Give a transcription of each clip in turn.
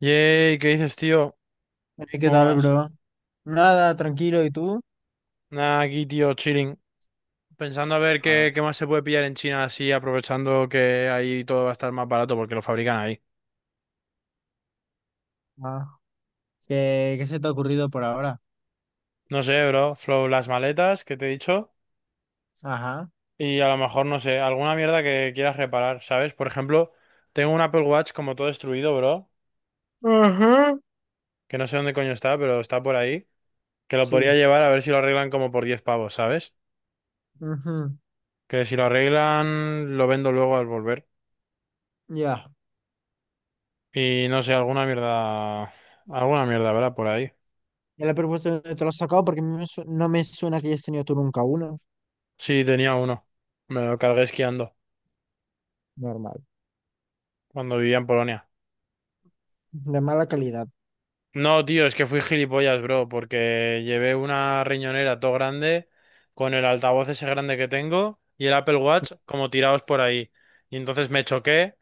Yay, ¿qué dices, tío? ¿Qué ¿Cómo tal, vas? bro? Nada, tranquilo, ¿y tú? Nada, aquí, tío, chilling. Pensando a ver Ah, qué más se puede pillar en China así, aprovechando que ahí todo va a estar más barato porque lo fabrican ahí. ah. ¿Qué se te ha ocurrido por ahora? No sé, bro. Flow, las maletas que te he dicho. Ajá, Y a lo mejor, no sé, alguna mierda que quieras reparar, ¿sabes? Por ejemplo, tengo un Apple Watch como todo destruido, bro. ajá. Que no sé dónde coño está, pero está por ahí. Que lo podría Sí, llevar a ver si lo arreglan como por 10 pavos, ¿sabes? ujú, Que si lo arreglan, lo vendo luego al volver. ya. Y no sé, alguna mierda. Alguna mierda, ¿verdad? Por ahí. Ya la propuesta no te lo has sacado porque no me suena que hayas tenido tú nunca uno. Sí, tenía uno. Me lo cargué esquiando Normal. cuando vivía en Polonia. De mala calidad. No, tío, es que fui gilipollas, bro, porque llevé una riñonera todo grande con el altavoz ese grande que tengo y el Apple Watch como tirados por ahí. Y entonces me choqué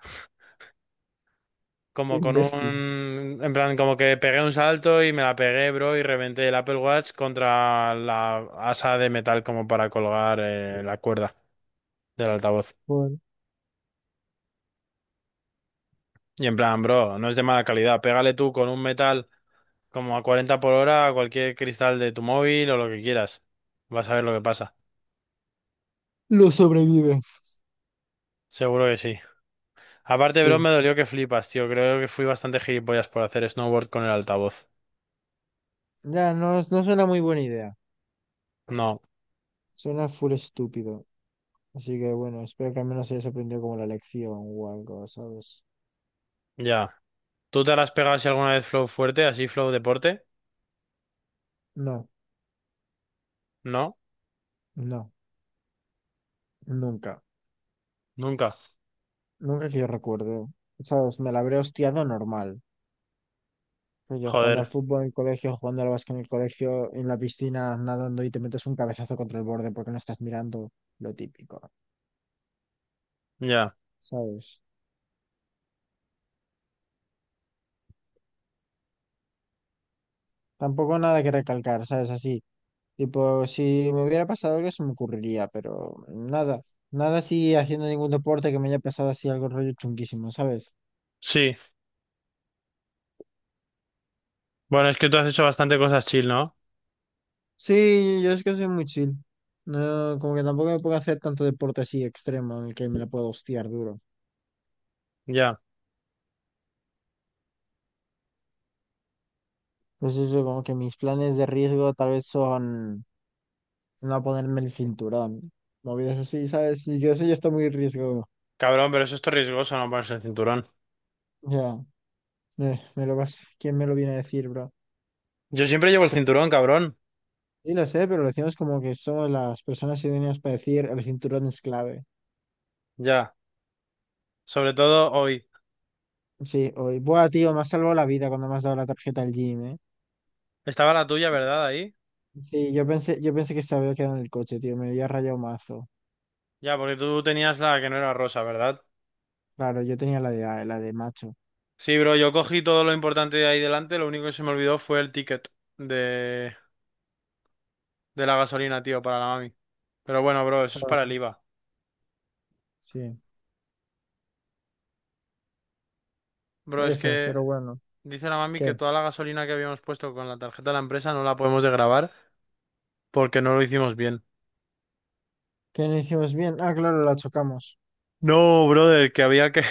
como con Imbécil. un... En plan, como que pegué un salto y me la pegué, bro, y reventé el Apple Watch contra la asa de metal como para colgar la cuerda del altavoz. Bueno, Y en plan, bro, no es de mala calidad. Pégale tú con un metal como a 40 por hora a cualquier cristal de tu móvil o lo que quieras. Vas a ver lo que pasa. lo sobrevive. Seguro que sí. Aparte, bro, Sí. me dolió que flipas, tío. Creo que fui bastante gilipollas por hacer snowboard con el altavoz. Ya, no, no suena muy buena idea. No, Suena full estúpido. Así que bueno, espero que al menos hayas aprendido como la lección o algo, ¿sabes? ya. ¿Tú te la has pegado si alguna vez flow fuerte, así flow deporte? No, No, no, nunca. nunca. Nunca que yo recuerdo. ¿Sabes? Me la habré hostiado normal. Pues yo jugando al Joder, fútbol en el colegio, jugando al básquet en el colegio, en la piscina, nadando y te metes un cabezazo contra el borde porque no estás mirando lo típico, ya. ¿sabes? Tampoco nada que recalcar, ¿sabes? Así. Tipo, si me hubiera pasado algo, se me ocurriría, pero nada. Nada así haciendo ningún deporte que me haya pasado así algo rollo chunguísimo, ¿sabes? Sí. Bueno, es que tú has hecho bastante cosas chill, ¿no? Sí, yo es que soy muy chill. No, como que tampoco me puedo hacer tanto deporte así extremo en el que me la puedo hostiar duro. Ya. Pues eso, como que mis planes de riesgo tal vez son no ponerme el cinturón. Movidas así, ¿sabes? Y yo eso ya está muy riesgo. Cabrón, pero eso es todo riesgoso, no ponerse el cinturón. Ya, me lo vas, ¿quién me lo viene a decir, bro? Yo siempre llevo el Sé cinturón, cabrón. Sí, lo sé, pero lo decimos como que somos las personas idóneas para decir el cinturón es clave. Ya. Sobre todo hoy. Sí, hoy. Buah, tío, me has salvado la vida cuando me has dado la tarjeta al gym, ¿eh? Estaba la tuya, ¿verdad? Ahí. Sí, yo pensé que se había quedado en el coche, tío. Me había rayado mazo. Ya, porque tú tenías la que no era rosa, ¿verdad? Claro, yo tenía la de macho. Sí, bro, yo cogí todo lo importante de ahí delante, lo único que se me olvidó fue el ticket de, de la gasolina, tío, para la mami. Pero bueno, bro, eso es Joder, para el IVA. sí. Bro, es que Pero bueno. dice la mami que ¿Qué? toda la gasolina que habíamos puesto con la tarjeta de la empresa no la podemos desgravar porque no lo hicimos bien. ¿Qué no hicimos bien? Ah, claro, la chocamos. No, brother, que había que...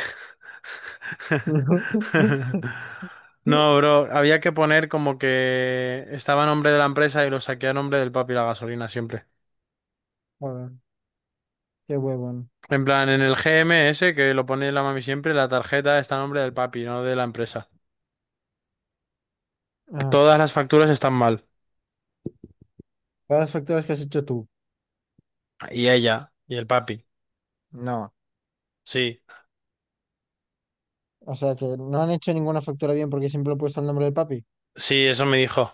No, bro, había que poner como que estaba a nombre de la empresa y lo saqué a nombre del papi la gasolina siempre. Joder, qué huevón. En plan, en el GMS, que lo pone la mami siempre, la tarjeta está a nombre del papi, no de la empresa. Ah, Todas las facturas están mal. ¿cuáles facturas que has hecho tú? Y ella, y el papi. No. Sí, O sea que no han hecho ninguna factura bien porque siempre lo he puesto al nombre de papi. sí, eso me dijo,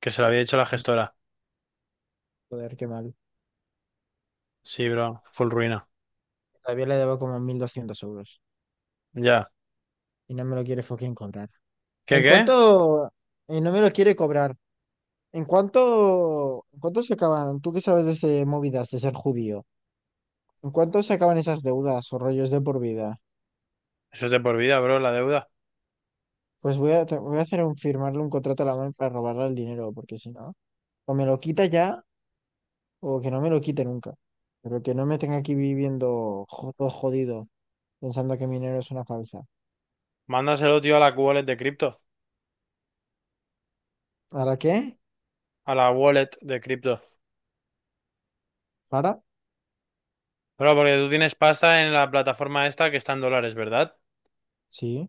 que se lo había dicho la gestora. Joder, qué mal. Sí, bro, full ruina. Todavía le debo como 1200 euros. Ya. Y no me lo quiere fucking cobrar. ¿Qué ¿En qué? cuánto? Y no me lo quiere cobrar. ¿En cuánto? ¿En cuánto se acaban? ¿Tú qué sabes de ese movidas de ser judío? ¿En cuánto se acaban esas deudas o rollos de por vida? Eso es de por vida, bro, la deuda. Pues voy a hacer un firmarle un contrato a la mano para robarle el dinero, porque si no, o me lo quita ya, o que no me lo quite nunca. Pero que no me tenga aquí viviendo todo jodido, pensando que mi dinero es una falsa. Mándaselo, tío, a la wallet de cripto. ¿Para qué? A la wallet de cripto. ¿Para? Bro, porque tú tienes pasta en la plataforma esta que está en dólares, ¿verdad? Sí.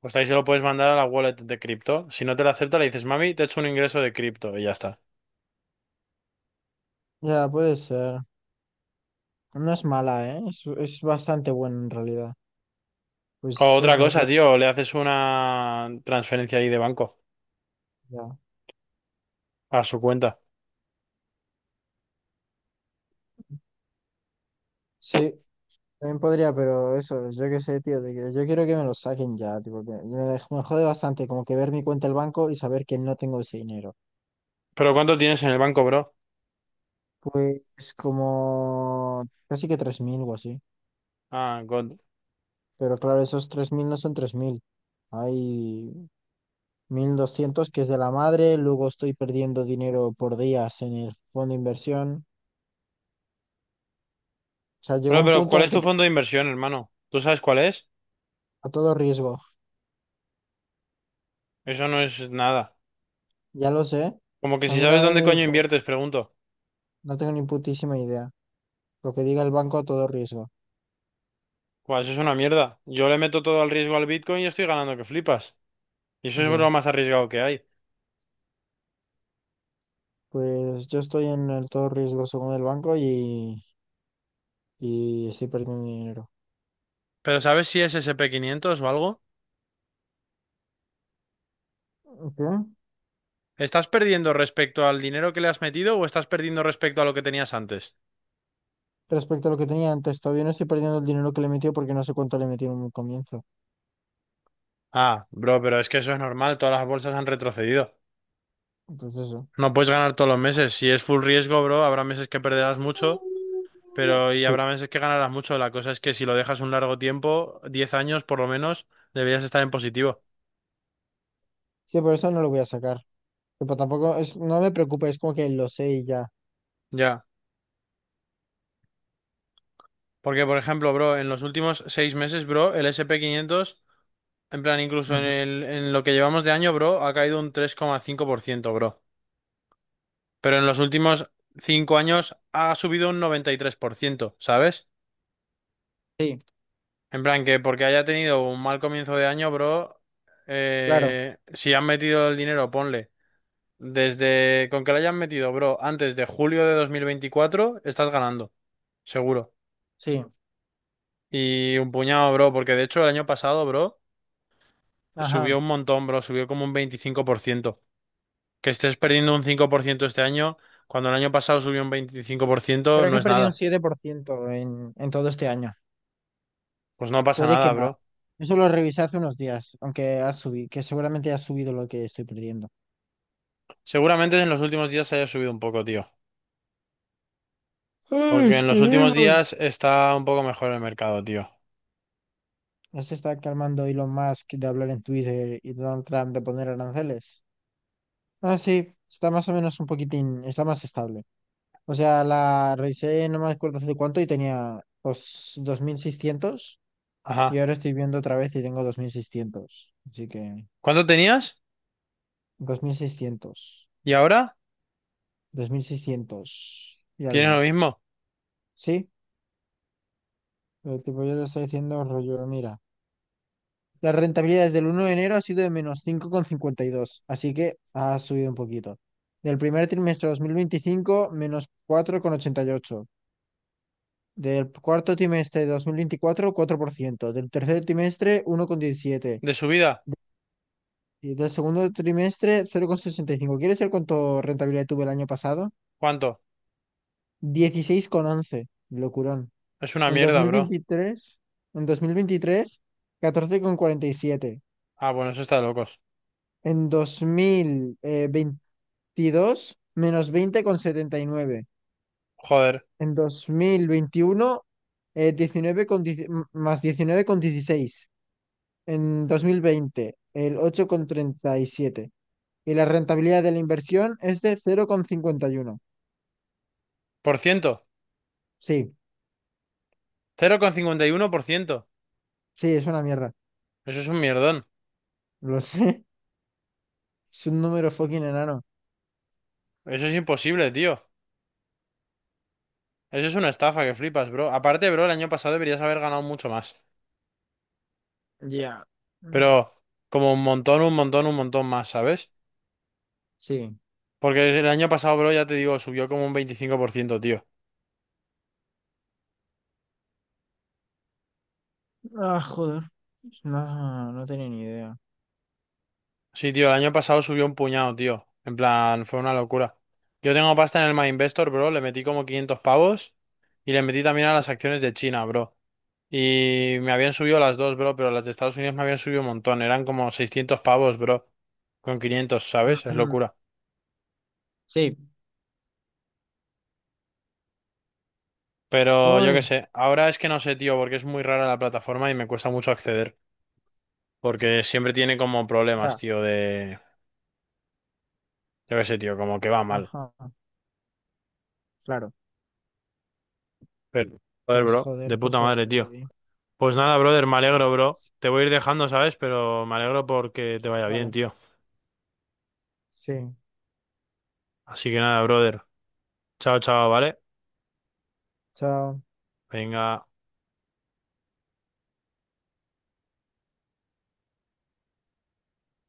Pues ahí se lo puedes mandar a la wallet de cripto. Si no te la acepta, le dices: mami, te he hecho un ingreso de cripto y ya está. Ya, puede ser. No es mala, ¿eh? Es bastante buena en realidad. O Pues otra eso, ya, cosa, tío, le haces una transferencia ahí de banco ya. a su cuenta. Sí, también podría, pero eso, yo qué sé, tío, de que yo quiero que me lo saquen ya, tipo, me jode bastante como que ver mi cuenta del banco y saber que no tengo ese dinero. ¿Pero cuánto tienes en el banco, bro? Pues como casi que 3000 o así. Ah, God. Pero claro, esos 3000 no son 3000. Hay 1.200 que es de la madre, luego estoy perdiendo dinero por días en el fondo de inversión. O sea, llegó Bro, un pero punto ¿cuál en el es que tu fondo de inversión, hermano? ¿Tú sabes cuál es? a todo riesgo. Eso no es nada. Ya lo sé. Como que A si mí la sabes madre me dónde coño dijo, inviertes, pregunto. no tengo ni putísima idea. Lo que diga el banco a todo riesgo. Pues eso es una mierda. Yo le meto todo al riesgo al Bitcoin y estoy ganando que flipas. Y eso es lo Ya. más arriesgado que hay. Pues yo estoy en el todo riesgo según el banco y estoy perdiendo dinero. ¿Pero sabes si es S&P 500 o algo? ¿Qué? ¿Estás perdiendo respecto al dinero que le has metido o estás perdiendo respecto a lo que tenías antes? Respecto a lo que tenía antes. Todavía no estoy perdiendo el dinero que le metió porque no sé cuánto le metieron en un comienzo. Ah, bro, pero es que eso es normal, todas las bolsas han retrocedido. Entonces eso. No puedes ganar todos los meses. Si es full riesgo, bro, habrá meses que perderás mucho, pero y Sí, habrá meses que ganarás mucho. La cosa es que si lo dejas un largo tiempo, 10 años por lo menos, deberías estar en positivo. sí, por eso no lo voy a sacar. Tipo, tampoco es, no me preocupa, es como que lo sé y ya. Ya. Porque, por ejemplo, bro, en los últimos 6 meses, bro, el S&P 500, en plan, incluso Ujú. En lo que llevamos de año, bro, ha caído un 3,5%, bro. Pero en los últimos 5 años ha subido un 93%, ¿sabes? Sí, En plan, que porque haya tenido un mal comienzo de año, bro, claro, si han metido el dinero, ponle. Desde con que lo hayan metido, bro, antes de julio de 2024 estás ganando, seguro. sí. Y un puñado, bro, porque de hecho el año pasado, bro, Ajá. subió un montón, bro, subió como un 25%. Que estés perdiendo un 5% este año, cuando el año pasado subió un 25%, Creo no que es perdí un nada. 7% en todo este año. Pues no pasa Puede que nada, más. bro. Eso lo revisé hace unos días, aunque ha subido, que seguramente ha subido lo que estoy perdiendo. Seguramente en los últimos días se haya subido un poco, tío. ¡Ay, Porque en los últimos esperemos! días está un poco mejor el mercado, tío. Ya se está calmando Elon Musk de hablar en Twitter y Donald Trump de poner aranceles. Ah, sí, está más o menos un poquitín, está más estable. O sea, la revisé, no me acuerdo hace cuánto, y tenía pues, 2600, y Ajá. ahora estoy viendo otra vez y tengo 2600. Así que ¿Cuánto tenías? 2600, ¿Y ahora? 2600 y ¿Tienes algo. lo mismo? Sí, pero tipo yo te estoy diciendo rollo, mira. La rentabilidad desde el 1 de enero ha sido de menos 5,52, así que ha subido un poquito. Del primer trimestre de 2025 menos 4,88. Del cuarto trimestre de 2024 4%. Del tercer trimestre, 1,17. ¿De subida? Y del segundo trimestre, 0,65. ¿Quieres ver cuánto rentabilidad tuve el año pasado? ¿Cuánto? 16,11. Locurón. Es una En dos mierda, mil bro. veintitrés en dos mil veintitrés 14,47. Ah, bueno, eso está de locos. En 2022 menos 20,79. Joder. En 2021, eh, 19 con dieci- más 19,16 en 2020 el 8,37, y la rentabilidad de la inversión es de 0,51. ¿Por ciento? Sí, 0,51%. sí, es una mierda. Eso es un mierdón. Lo sé. Es un número fucking enano. Eso es imposible, tío. Eso es una estafa que flipas, bro. Aparte, bro, el año pasado deberías haber ganado mucho más. Ya. Mm. Pero como un montón, un montón, un montón más, ¿sabes? Sí. Porque el año pasado, bro, ya te digo, subió como un 25%, tío. Ah, joder. No, no tenía ni idea. Sí, tío, el año pasado subió un puñado, tío. En plan, fue una locura. Yo tengo pasta en el My Investor, bro. Le metí como 500 pavos y le metí también a Sí. las acciones de China, bro. Y me habían subido las dos, bro, pero las de Estados Unidos me habían subido un montón. Eran como 600 pavos, bro. Con quinientos, ¿sabes? Es Ujú. locura. Sí. Pero yo qué Ay, sé. Ahora es que no sé, tío, porque es muy rara la plataforma y me cuesta mucho acceder. Porque siempre tiene como problemas, ya. tío, de... Yo qué sé, tío, como que va mal. Ajá. Claro. Pero, joder, Pues bro, joder, de todo puta madre, jodido tío. ahí. Pues nada, brother, me alegro, bro. Te voy a ir dejando, ¿sabes? Pero me alegro porque te vaya bien, Vale. tío. Sí. Así que nada, brother. Chao, chao, ¿vale? Chao. Venga.